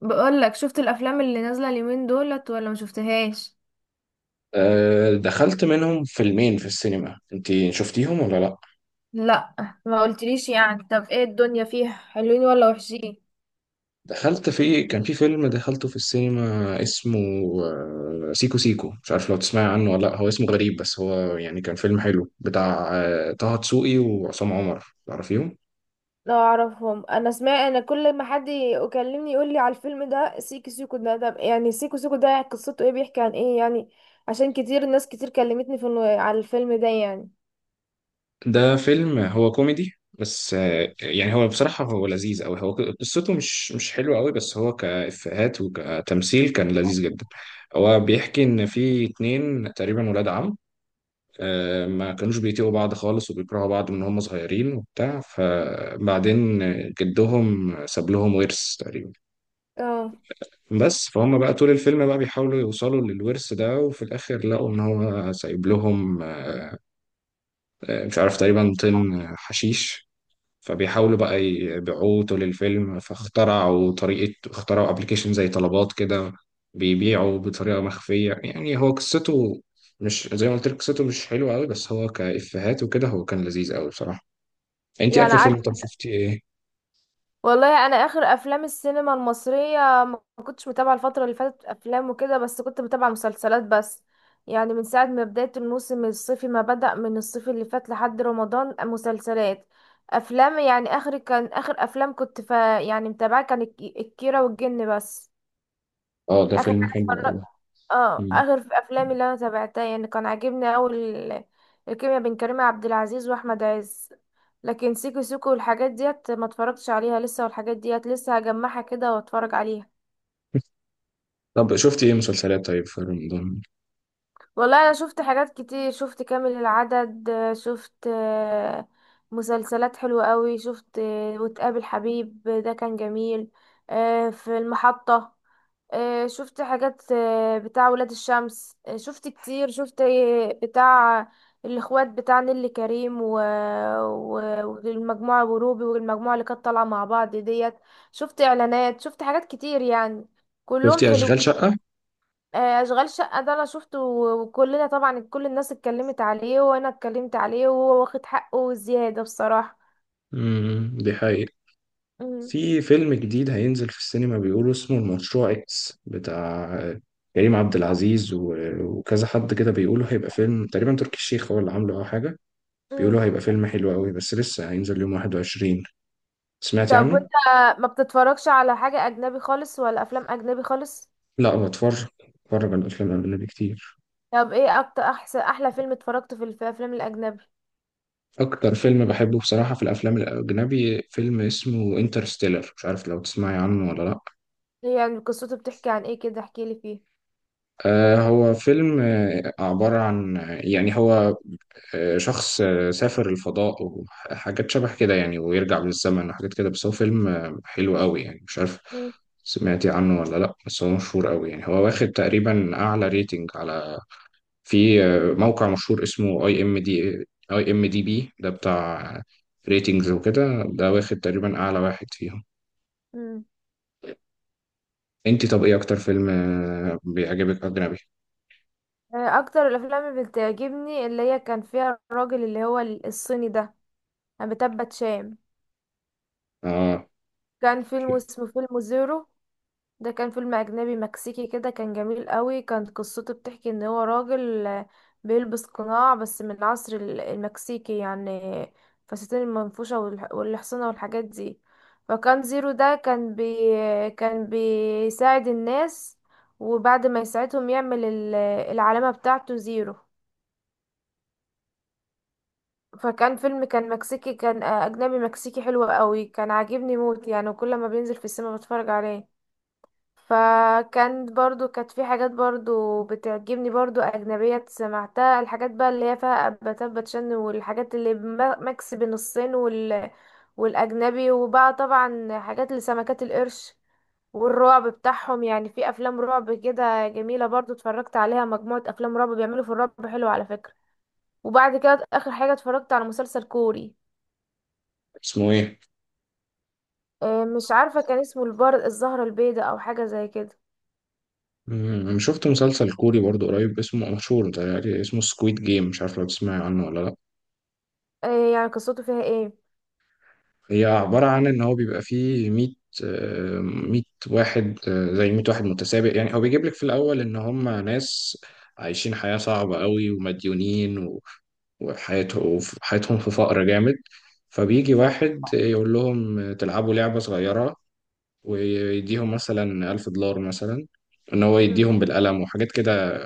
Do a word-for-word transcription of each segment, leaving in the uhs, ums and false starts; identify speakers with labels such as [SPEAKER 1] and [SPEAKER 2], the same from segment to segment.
[SPEAKER 1] بقول لك، شفت الافلام اللي نازله اليومين دولت ولا ما شفتهاش؟
[SPEAKER 2] آه، دخلت منهم فيلمين في السينما، انت شفتيهم ولا لا؟
[SPEAKER 1] لا. ما قلتليش يعني، طب ايه؟ الدنيا فيها حلوين ولا وحشين؟
[SPEAKER 2] دخلت في، كان في فيلم دخلته في السينما اسمه آه، سيكو سيكو، مش عارف لو تسمعي عنه ولا لا. هو اسمه غريب بس هو يعني كان فيلم حلو بتاع آه، طه دسوقي وعصام عمر، تعرفيهم؟
[SPEAKER 1] لا اعرفهم. انا سمعت، انا كل ما حد يكلمني يقول لي على الفيلم ده سيكو سيكو ده. طب يعني سيكو سيكو ده قصته ايه؟ بيحكي عن ايه يعني؟ عشان كتير، ناس كتير كلمتني في النو- على الفيلم ده يعني.
[SPEAKER 2] ده فيلم هو كوميدي بس آه، يعني هو بصراحة هو لذيذ قوي. هو قصته مش مش حلوة قوي بس هو كإفيهات وكتمثيل كان لذيذ جدا. هو بيحكي إن في اتنين تقريبا ولاد عم آه، ما كانوش بيطيقوا بعض خالص وبيكرهوا بعض من هم صغيرين وبتاع. فبعدين جدهم ساب لهم ورث تقريبا،
[SPEAKER 1] اه.
[SPEAKER 2] بس فهم بقى طول الفيلم بقى بيحاولوا يوصلوا للورث ده، وفي الآخر لقوا إن هو سايب لهم آه، مش عارف تقريبا طن حشيش. فبيحاولوا بقى يبيعوه طول الفيلم، فاخترعوا طريقة، اخترعوا ابلكيشن زي طلبات كده بيبيعوا بطريقة مخفية. يعني هو قصته مش زي ما قلت لك، قصته مش حلوة قوي بس هو كإفيهات وكده هو كان لذيذ قوي بصراحة. انت
[SPEAKER 1] يعني
[SPEAKER 2] اخر فيلم طب شفتي ايه؟
[SPEAKER 1] والله انا اخر افلام السينما المصريه، ما كنتش متابعه الفتره اللي فاتت افلام وكده، بس كنت متابعه مسلسلات بس. يعني من ساعه ما بدايه الموسم الصيفي، ما بدأ من الصيف اللي فات لحد رمضان مسلسلات، افلام. يعني اخر، كان اخر افلام كنت ف، يعني متابعه، كان الك- الكيره والجن بس.
[SPEAKER 2] اه ده
[SPEAKER 1] اخر
[SPEAKER 2] فيلم حلو
[SPEAKER 1] حاجه،
[SPEAKER 2] قوي.
[SPEAKER 1] اه
[SPEAKER 2] مم.
[SPEAKER 1] اخر في افلامي اللي انا تابعتها يعني كان عاجبني اول الكيمياء بين كريم عبد العزيز واحمد عز. لكن سيكو سيكو والحاجات ديت ما اتفرجتش عليها لسه، والحاجات ديت لسه هجمعها كده واتفرج عليها.
[SPEAKER 2] طب شفتي ايه مسلسلات طيب في رمضان؟
[SPEAKER 1] والله انا شفت حاجات كتير. شفت كامل العدد، شفت آه، مسلسلات حلوة قوي. شفت آه، وتقابل حبيب ده كان جميل. آه، في المحطة. آه، شفت حاجات آه، بتاع ولاد الشمس. آه، شفت كتير. شفت آه، بتاع الاخوات بتاع نيللي كريم و... و... والمجموعة وروبي والمجموعة اللي كانت طالعة مع بعض ديت. شفت اعلانات، شفت حاجات كتير يعني. كلهم
[SPEAKER 2] شفتي
[SPEAKER 1] حلوين.
[SPEAKER 2] اشغال شقة؟
[SPEAKER 1] آه، اشغال شقة ده انا شفته، وكلنا طبعا كل الناس اتكلمت عليه، وانا اتكلمت عليه، وهو واخد حقه وزيادة بصراحة.
[SPEAKER 2] امم، دي حقيقة.
[SPEAKER 1] مم.
[SPEAKER 2] في فيلم جديد هينزل في السينما بيقولوا اسمه المشروع اكس بتاع كريم عبد العزيز و- وكذا حد كده، بيقولوا هيبقى فيلم تقريبا تركي الشيخ هو اللي عامله او حاجة. بيقولوا
[SPEAKER 1] مم.
[SPEAKER 2] هيبقى فيلم حلو قوي بس لسه هينزل يوم واحد وعشرين. سمعتي
[SPEAKER 1] طب
[SPEAKER 2] عنه؟
[SPEAKER 1] وانت ما بتتفرجش على حاجة اجنبي خالص؟ ولا افلام اجنبي خالص؟
[SPEAKER 2] لا، بتفرج، بتفرج على الافلام الاجنبي كتير.
[SPEAKER 1] طب ايه اكتر، احسن، احلى فيلم اتفرجته في الف- الافلام الاجنبي؟
[SPEAKER 2] اكتر فيلم بحبه بصراحة في الافلام الاجنبي فيلم اسمه انترستيلر، مش عارف لو تسمعي عنه ولا لا.
[SPEAKER 1] هي يعني قصته بتحكي عن ايه كده؟ احكي لي فيه.
[SPEAKER 2] آه، هو فيلم آه، عبارة عن، يعني هو آه، شخص آه، سافر الفضاء وحاجات شبه كده يعني، ويرجع بالزمن وحاجات كده. بس هو فيلم آه، حلو قوي يعني، مش عارف
[SPEAKER 1] مم.
[SPEAKER 2] سمعتي عنه ولا لا، بس هو مشهور قوي يعني. هو واخد تقريبا اعلى ريتنج على، في آه، موقع مشهور اسمه اي ام دي، اي ام دي بي ده بتاع ريتنجز وكده، ده واخد تقريبا اعلى واحد فيهم.
[SPEAKER 1] مم.
[SPEAKER 2] انت طب ايه اكتر فيلم آه، بيعجبك اجنبي؟
[SPEAKER 1] آه، اكتر الافلام اللي بتعجبني اللي هي كان فيها الراجل اللي هو ال- الصيني ده، بتبت شام.
[SPEAKER 2] اه.
[SPEAKER 1] كان فيلم اسمه فيلم زيرو. ده كان فيلم أجنبي مكسيكي كده، كان جميل قوي. كانت قصته بتحكي إن هو راجل آه، بيلبس قناع، بس من العصر ال- المكسيكي يعني، فساتين المنفوشة والح- والحصانة والحاجات دي. فكان زيرو ده كان بي كان بيساعد الناس، وبعد ما يساعدهم يعمل ال- العلامة بتاعته زيرو. فكان فيلم كان مكسيكي، كان آه، أجنبي مكسيكي حلو قوي، كان عاجبني موت يعني، وكل ما بينزل في السينما بتفرج عليه. فكانت برضو، كانت في حاجات برضو بتعجبني برضو أجنبية سمعتها، الحاجات بقى اللي هي فيها أباتات باتشان والحاجات اللي بم- ميكس بين الصين وال... والأجنبي. وبقى طبعا حاجات لسمكات القرش والرعب بتاعهم، يعني في أفلام رعب كده جميلة برضو اتفرجت عليها، مجموعة أفلام رعب. بيعملوا في الرعب حلو على فكرة. وبعد كده آخر حاجة اتفرجت على مسلسل كوري.
[SPEAKER 2] اسمه ايه؟
[SPEAKER 1] آه، مش عارفة، كان اسمه البار الزهرة البيضاء أو حاجة زي كده.
[SPEAKER 2] مم، شفت مسلسل كوري برضو قريب اسمه مشهور، ده اسمه سكويد جيم، مش عارف لو تسمعي عنه ولا لا.
[SPEAKER 1] آه، يعني قصته فيها ايه؟
[SPEAKER 2] هي عبارة عن إن هو بيبقى فيه 100 100 واحد، آه، زي مائة واحد متسابق. يعني هو بيجيب لك في الأول إن هم ناس عايشين حياة صعبة قوي ومديونين، وحياته حياتهم في فقر جامد. فبيجي واحد يقول لهم تلعبوا لعبة صغيرة، ويديهم مثلا ألف دولار مثلا، إن هو
[SPEAKER 1] مم.
[SPEAKER 2] يديهم بالقلم وحاجات كده،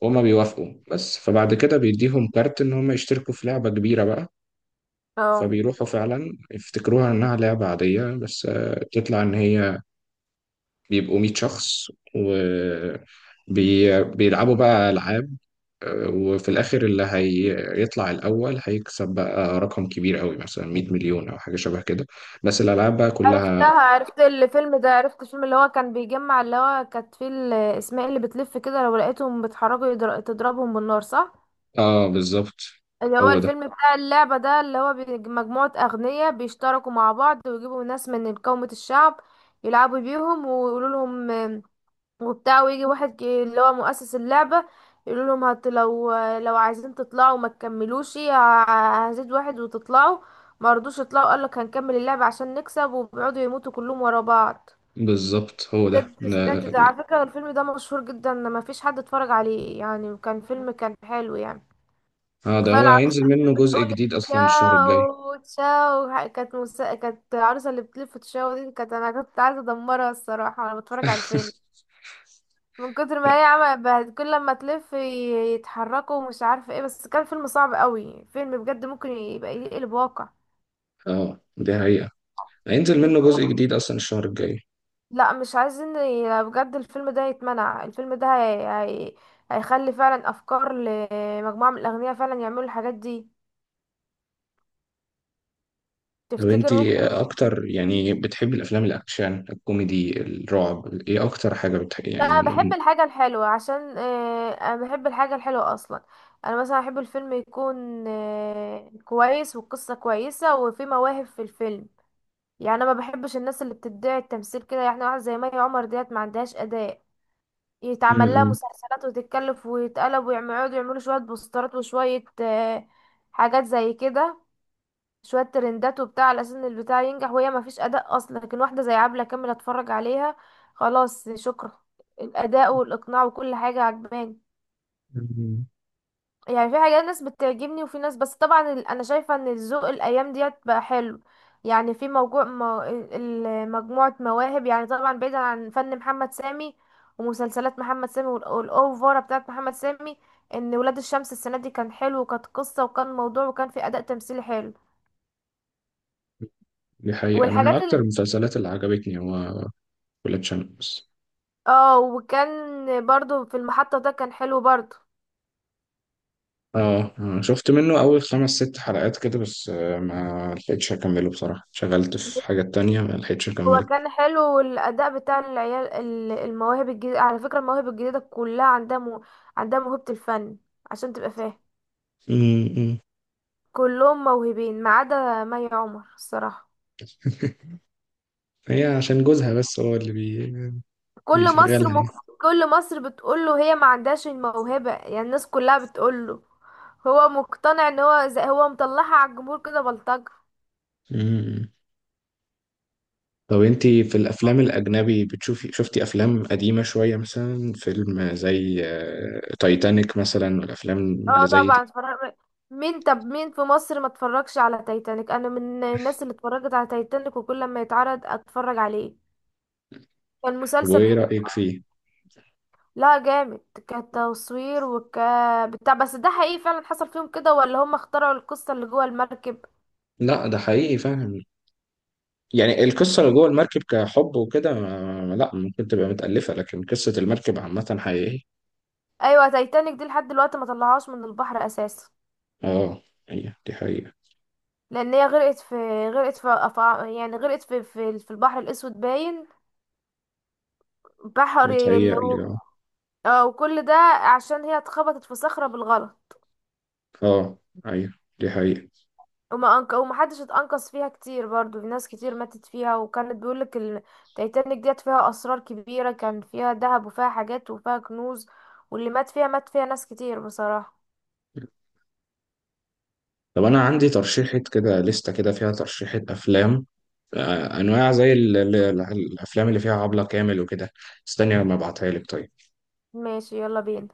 [SPEAKER 2] وهما بيوافقوا. بس فبعد كده بيديهم كارت إن هما يشتركوا في لعبة كبيرة بقى.
[SPEAKER 1] اه.
[SPEAKER 2] فبيروحوا فعلا يفتكروها إنها لعبة عادية بس آه، تطلع إن هي بيبقوا مية شخص و بي... بيلعبوا بقى ألعاب، وفي الآخر اللي هيطلع الأول هيكسب بقى رقم كبير قوي مثلا مية مليون أو حاجة شبه كده، بس الألعاب بقى كلها.
[SPEAKER 1] عرفتها، عرفت الفيلم ده، عرفت الفيلم اللي هو كان بيجمع، اللي هو كانت فيه الاسماء اللي بتلف كده، لو لقيتهم بيتحركوا يضر- تضربهم بالنار، صح؟
[SPEAKER 2] آه بالظبط،
[SPEAKER 1] اللي هو
[SPEAKER 2] هو ده
[SPEAKER 1] الفيلم بتاع اللعبة ده، اللي هو بي- مجموعة أغنياء بيشتركوا مع بعض ويجيبوا ناس من قومة الشعب يلعبوا بيهم ويقولوا لهم آم، وبتاع، ويجي واحد كي- اللي هو مؤسس اللعبة يقولوا لهم هت، لو لو عايزين تطلعوا ما تكملوش، ه- هزيد واحد وتطلعوا. ما رضوش يطلعوا، قال لك هنكمل اللعبة عشان نكسب، وبيقعدوا يموتوا كلهم ورا بعض.
[SPEAKER 2] بالظبط هو ده
[SPEAKER 1] سبت
[SPEAKER 2] لا-
[SPEAKER 1] سمعت ده،
[SPEAKER 2] لا.
[SPEAKER 1] على فكرة الفيلم ده مشهور جدا، ما فيش حد اتفرج عليه يعني. كان فيلم كان حلو يعني.
[SPEAKER 2] اه ده
[SPEAKER 1] كفاية
[SPEAKER 2] هو
[SPEAKER 1] العروسة
[SPEAKER 2] هينزل منه
[SPEAKER 1] اللي
[SPEAKER 2] جزء
[SPEAKER 1] بتقول
[SPEAKER 2] جديد أصلا الشهر الجاي.
[SPEAKER 1] تشاو تشاو، كانت مس... كانت العروسة اللي بتلف تشاو دي، كانت، انا كنت عايزة ادمرها الصراحة وانا بتفرج على الفيلم، من كتر ما
[SPEAKER 2] لا،
[SPEAKER 1] هي عمل بهد- كل لما تلف ي- يتحركوا ومش عارفة ايه. بس كان فيلم صعب قوي، فيلم بجد ممكن يبقى يقلب واقع.
[SPEAKER 2] اه دي حقيقة، هينزل منه جزء جديد أصلا الشهر الجاي.
[SPEAKER 1] لا مش عايزين ي- بجد الفيلم ده يتمنع، الفيلم ده هي... هي... هيخلي فعلا افكار لمجموعة من الاغنياء فعلا يعملوا الحاجات دي.
[SPEAKER 2] طب
[SPEAKER 1] تفتكر
[SPEAKER 2] انتي
[SPEAKER 1] ممكن؟
[SPEAKER 2] أكتر يعني بتحبي الأفلام الأكشن الكوميدي الرعب، إيه أكتر حاجة بتحبي
[SPEAKER 1] لا، انا بحب
[SPEAKER 2] يعني؟
[SPEAKER 1] الحاجة الحلوة. عشان آه، انا بحب الحاجة الحلوة اصلا. انا مثلا احب الفيلم يكون آه، كويس والقصة كويسة وفي مواهب في الفيلم. يعني انا ما بحبش الناس اللي بتدعي التمثيل كده، يعني واحد زي مي عمر ديت ما عندهاش اداء، يتعمل لها
[SPEAKER 2] م-
[SPEAKER 1] مسلسلات وتتكلف ويتقلب، ويقعدوا يعملوا شوية بوسترات وشوية آه، حاجات زي كده، شوية ترندات وبتاع، على أساس إن البتاع ينجح وهي مفيش أداء أصلا. لكن واحدة زي عبلة كامل أتفرج عليها، خلاص شكرا، الأداء والإقناع وكل حاجة عجباني.
[SPEAKER 2] م-
[SPEAKER 1] يعني في حاجات، ناس بتعجبني وفي ناس، بس طبعا ال- انا شايفه ان الذوق الايام ديت بقى حلو. يعني في موجوع مو... ال- ال- مجموعه مواهب. يعني طبعا بعيدا عن فن محمد سامي ومسلسلات محمد سامي وال- والاوفره بتاعت محمد سامي، ان ولاد الشمس السنه دي كان حلو، وكانت قصه، وكان موضوع، وكان في اداء تمثيلي حلو.
[SPEAKER 2] دي حقيقة. أنا من
[SPEAKER 1] والحاجات
[SPEAKER 2] أكتر
[SPEAKER 1] ال...
[SPEAKER 2] المسلسلات اللي عجبتني هو ولاد شمس.
[SPEAKER 1] اه وكان برضو في المحطه ده كان حلو برضو.
[SPEAKER 2] آه، آه، شفت منه أول خمس ست حلقات كده بس، آه، ما لحقتش أكمله بصراحة، شغلت في حاجات تانية ما لحقتش
[SPEAKER 1] هو
[SPEAKER 2] أكمله.
[SPEAKER 1] كان حلو، والاداء بتاع العيال ال- المواهب الجديده. على فكره المواهب الجديده كلها عندها مو... عندها موهبه الفن عشان تبقى فاهم.
[SPEAKER 2] م- م.
[SPEAKER 1] كلهم موهوبين ما عدا مي عمر الصراحه.
[SPEAKER 2] هي عشان جوزها بس هو اللي بي...
[SPEAKER 1] كل
[SPEAKER 2] بيشغلها
[SPEAKER 1] مصر مك...
[SPEAKER 2] يعني.
[SPEAKER 1] كل مصر بتقوله هي ما عندهاش الموهبه، يعني الناس كلها بتقوله. هو مقتنع ان هو زي... هو مطلعها على الجمهور كده بلطجه.
[SPEAKER 2] م- م. طب أنتي في الأفلام الأجنبي بتشوفي، شفتي أفلام قديمة شوية مثلا فيلم زي آه، تايتانيك مثلا والأفلام
[SPEAKER 1] اه
[SPEAKER 2] اللي زي دي؟
[SPEAKER 1] طبعا اتفرج. مين طب مين في مصر ما اتفرجش على تايتانيك؟ انا من الناس اللي اتفرجت على تايتانيك، وكل ما يتعرض اتفرج عليه. كان
[SPEAKER 2] طب
[SPEAKER 1] مسلسل
[SPEAKER 2] وإيه
[SPEAKER 1] حلو.
[SPEAKER 2] رأيك فيه؟
[SPEAKER 1] لا جامد، كتصوير وك، بتاع. بس ده حقيقي فعلا حصل فيهم كده ولا هم اخترعوا القصة اللي جوه المركب؟
[SPEAKER 2] لا، ده حقيقي فعلا. يعني القصة اللي جوه المركب كحب وكده، ما- لا، ممكن تبقى متألفة، لكن قصة المركب عامة حقيقية.
[SPEAKER 1] ايوه تايتانيك دي لحد دلوقتي ما طلعهاش من البحر اساسا،
[SPEAKER 2] اه، هي دي حقيقة.
[SPEAKER 1] لان هي غرقت في غرقت في أفع- يعني غرقت في في, في البحر الاسود باين، بحر اللي هو،
[SPEAKER 2] بتهيألي اه.
[SPEAKER 1] اه. وكل ده عشان هي اتخبطت في صخرة بالغلط.
[SPEAKER 2] اه، ايوه، دي حقيقة.
[SPEAKER 1] وما أنق... ومحدش اتأنقذ فيها كتير، برضو في ناس كتير ماتت فيها، وكانت بيقولك التايتانيك ديت فيها أسرار كبيرة، كان فيها ذهب وفيها حاجات وفيها كنوز. واللي مات فيها، مات فيها ناس كتير بصراحة.
[SPEAKER 2] طب أنا عندي ترشيحة كده لستة كده فيها ترشيحة أفلام، آه، أنواع زي ال- ال- ال- الأفلام اللي فيها عبلة كامل وكده. استني لما أبعتها لك طيب.
[SPEAKER 1] ماشي، يلا بينا.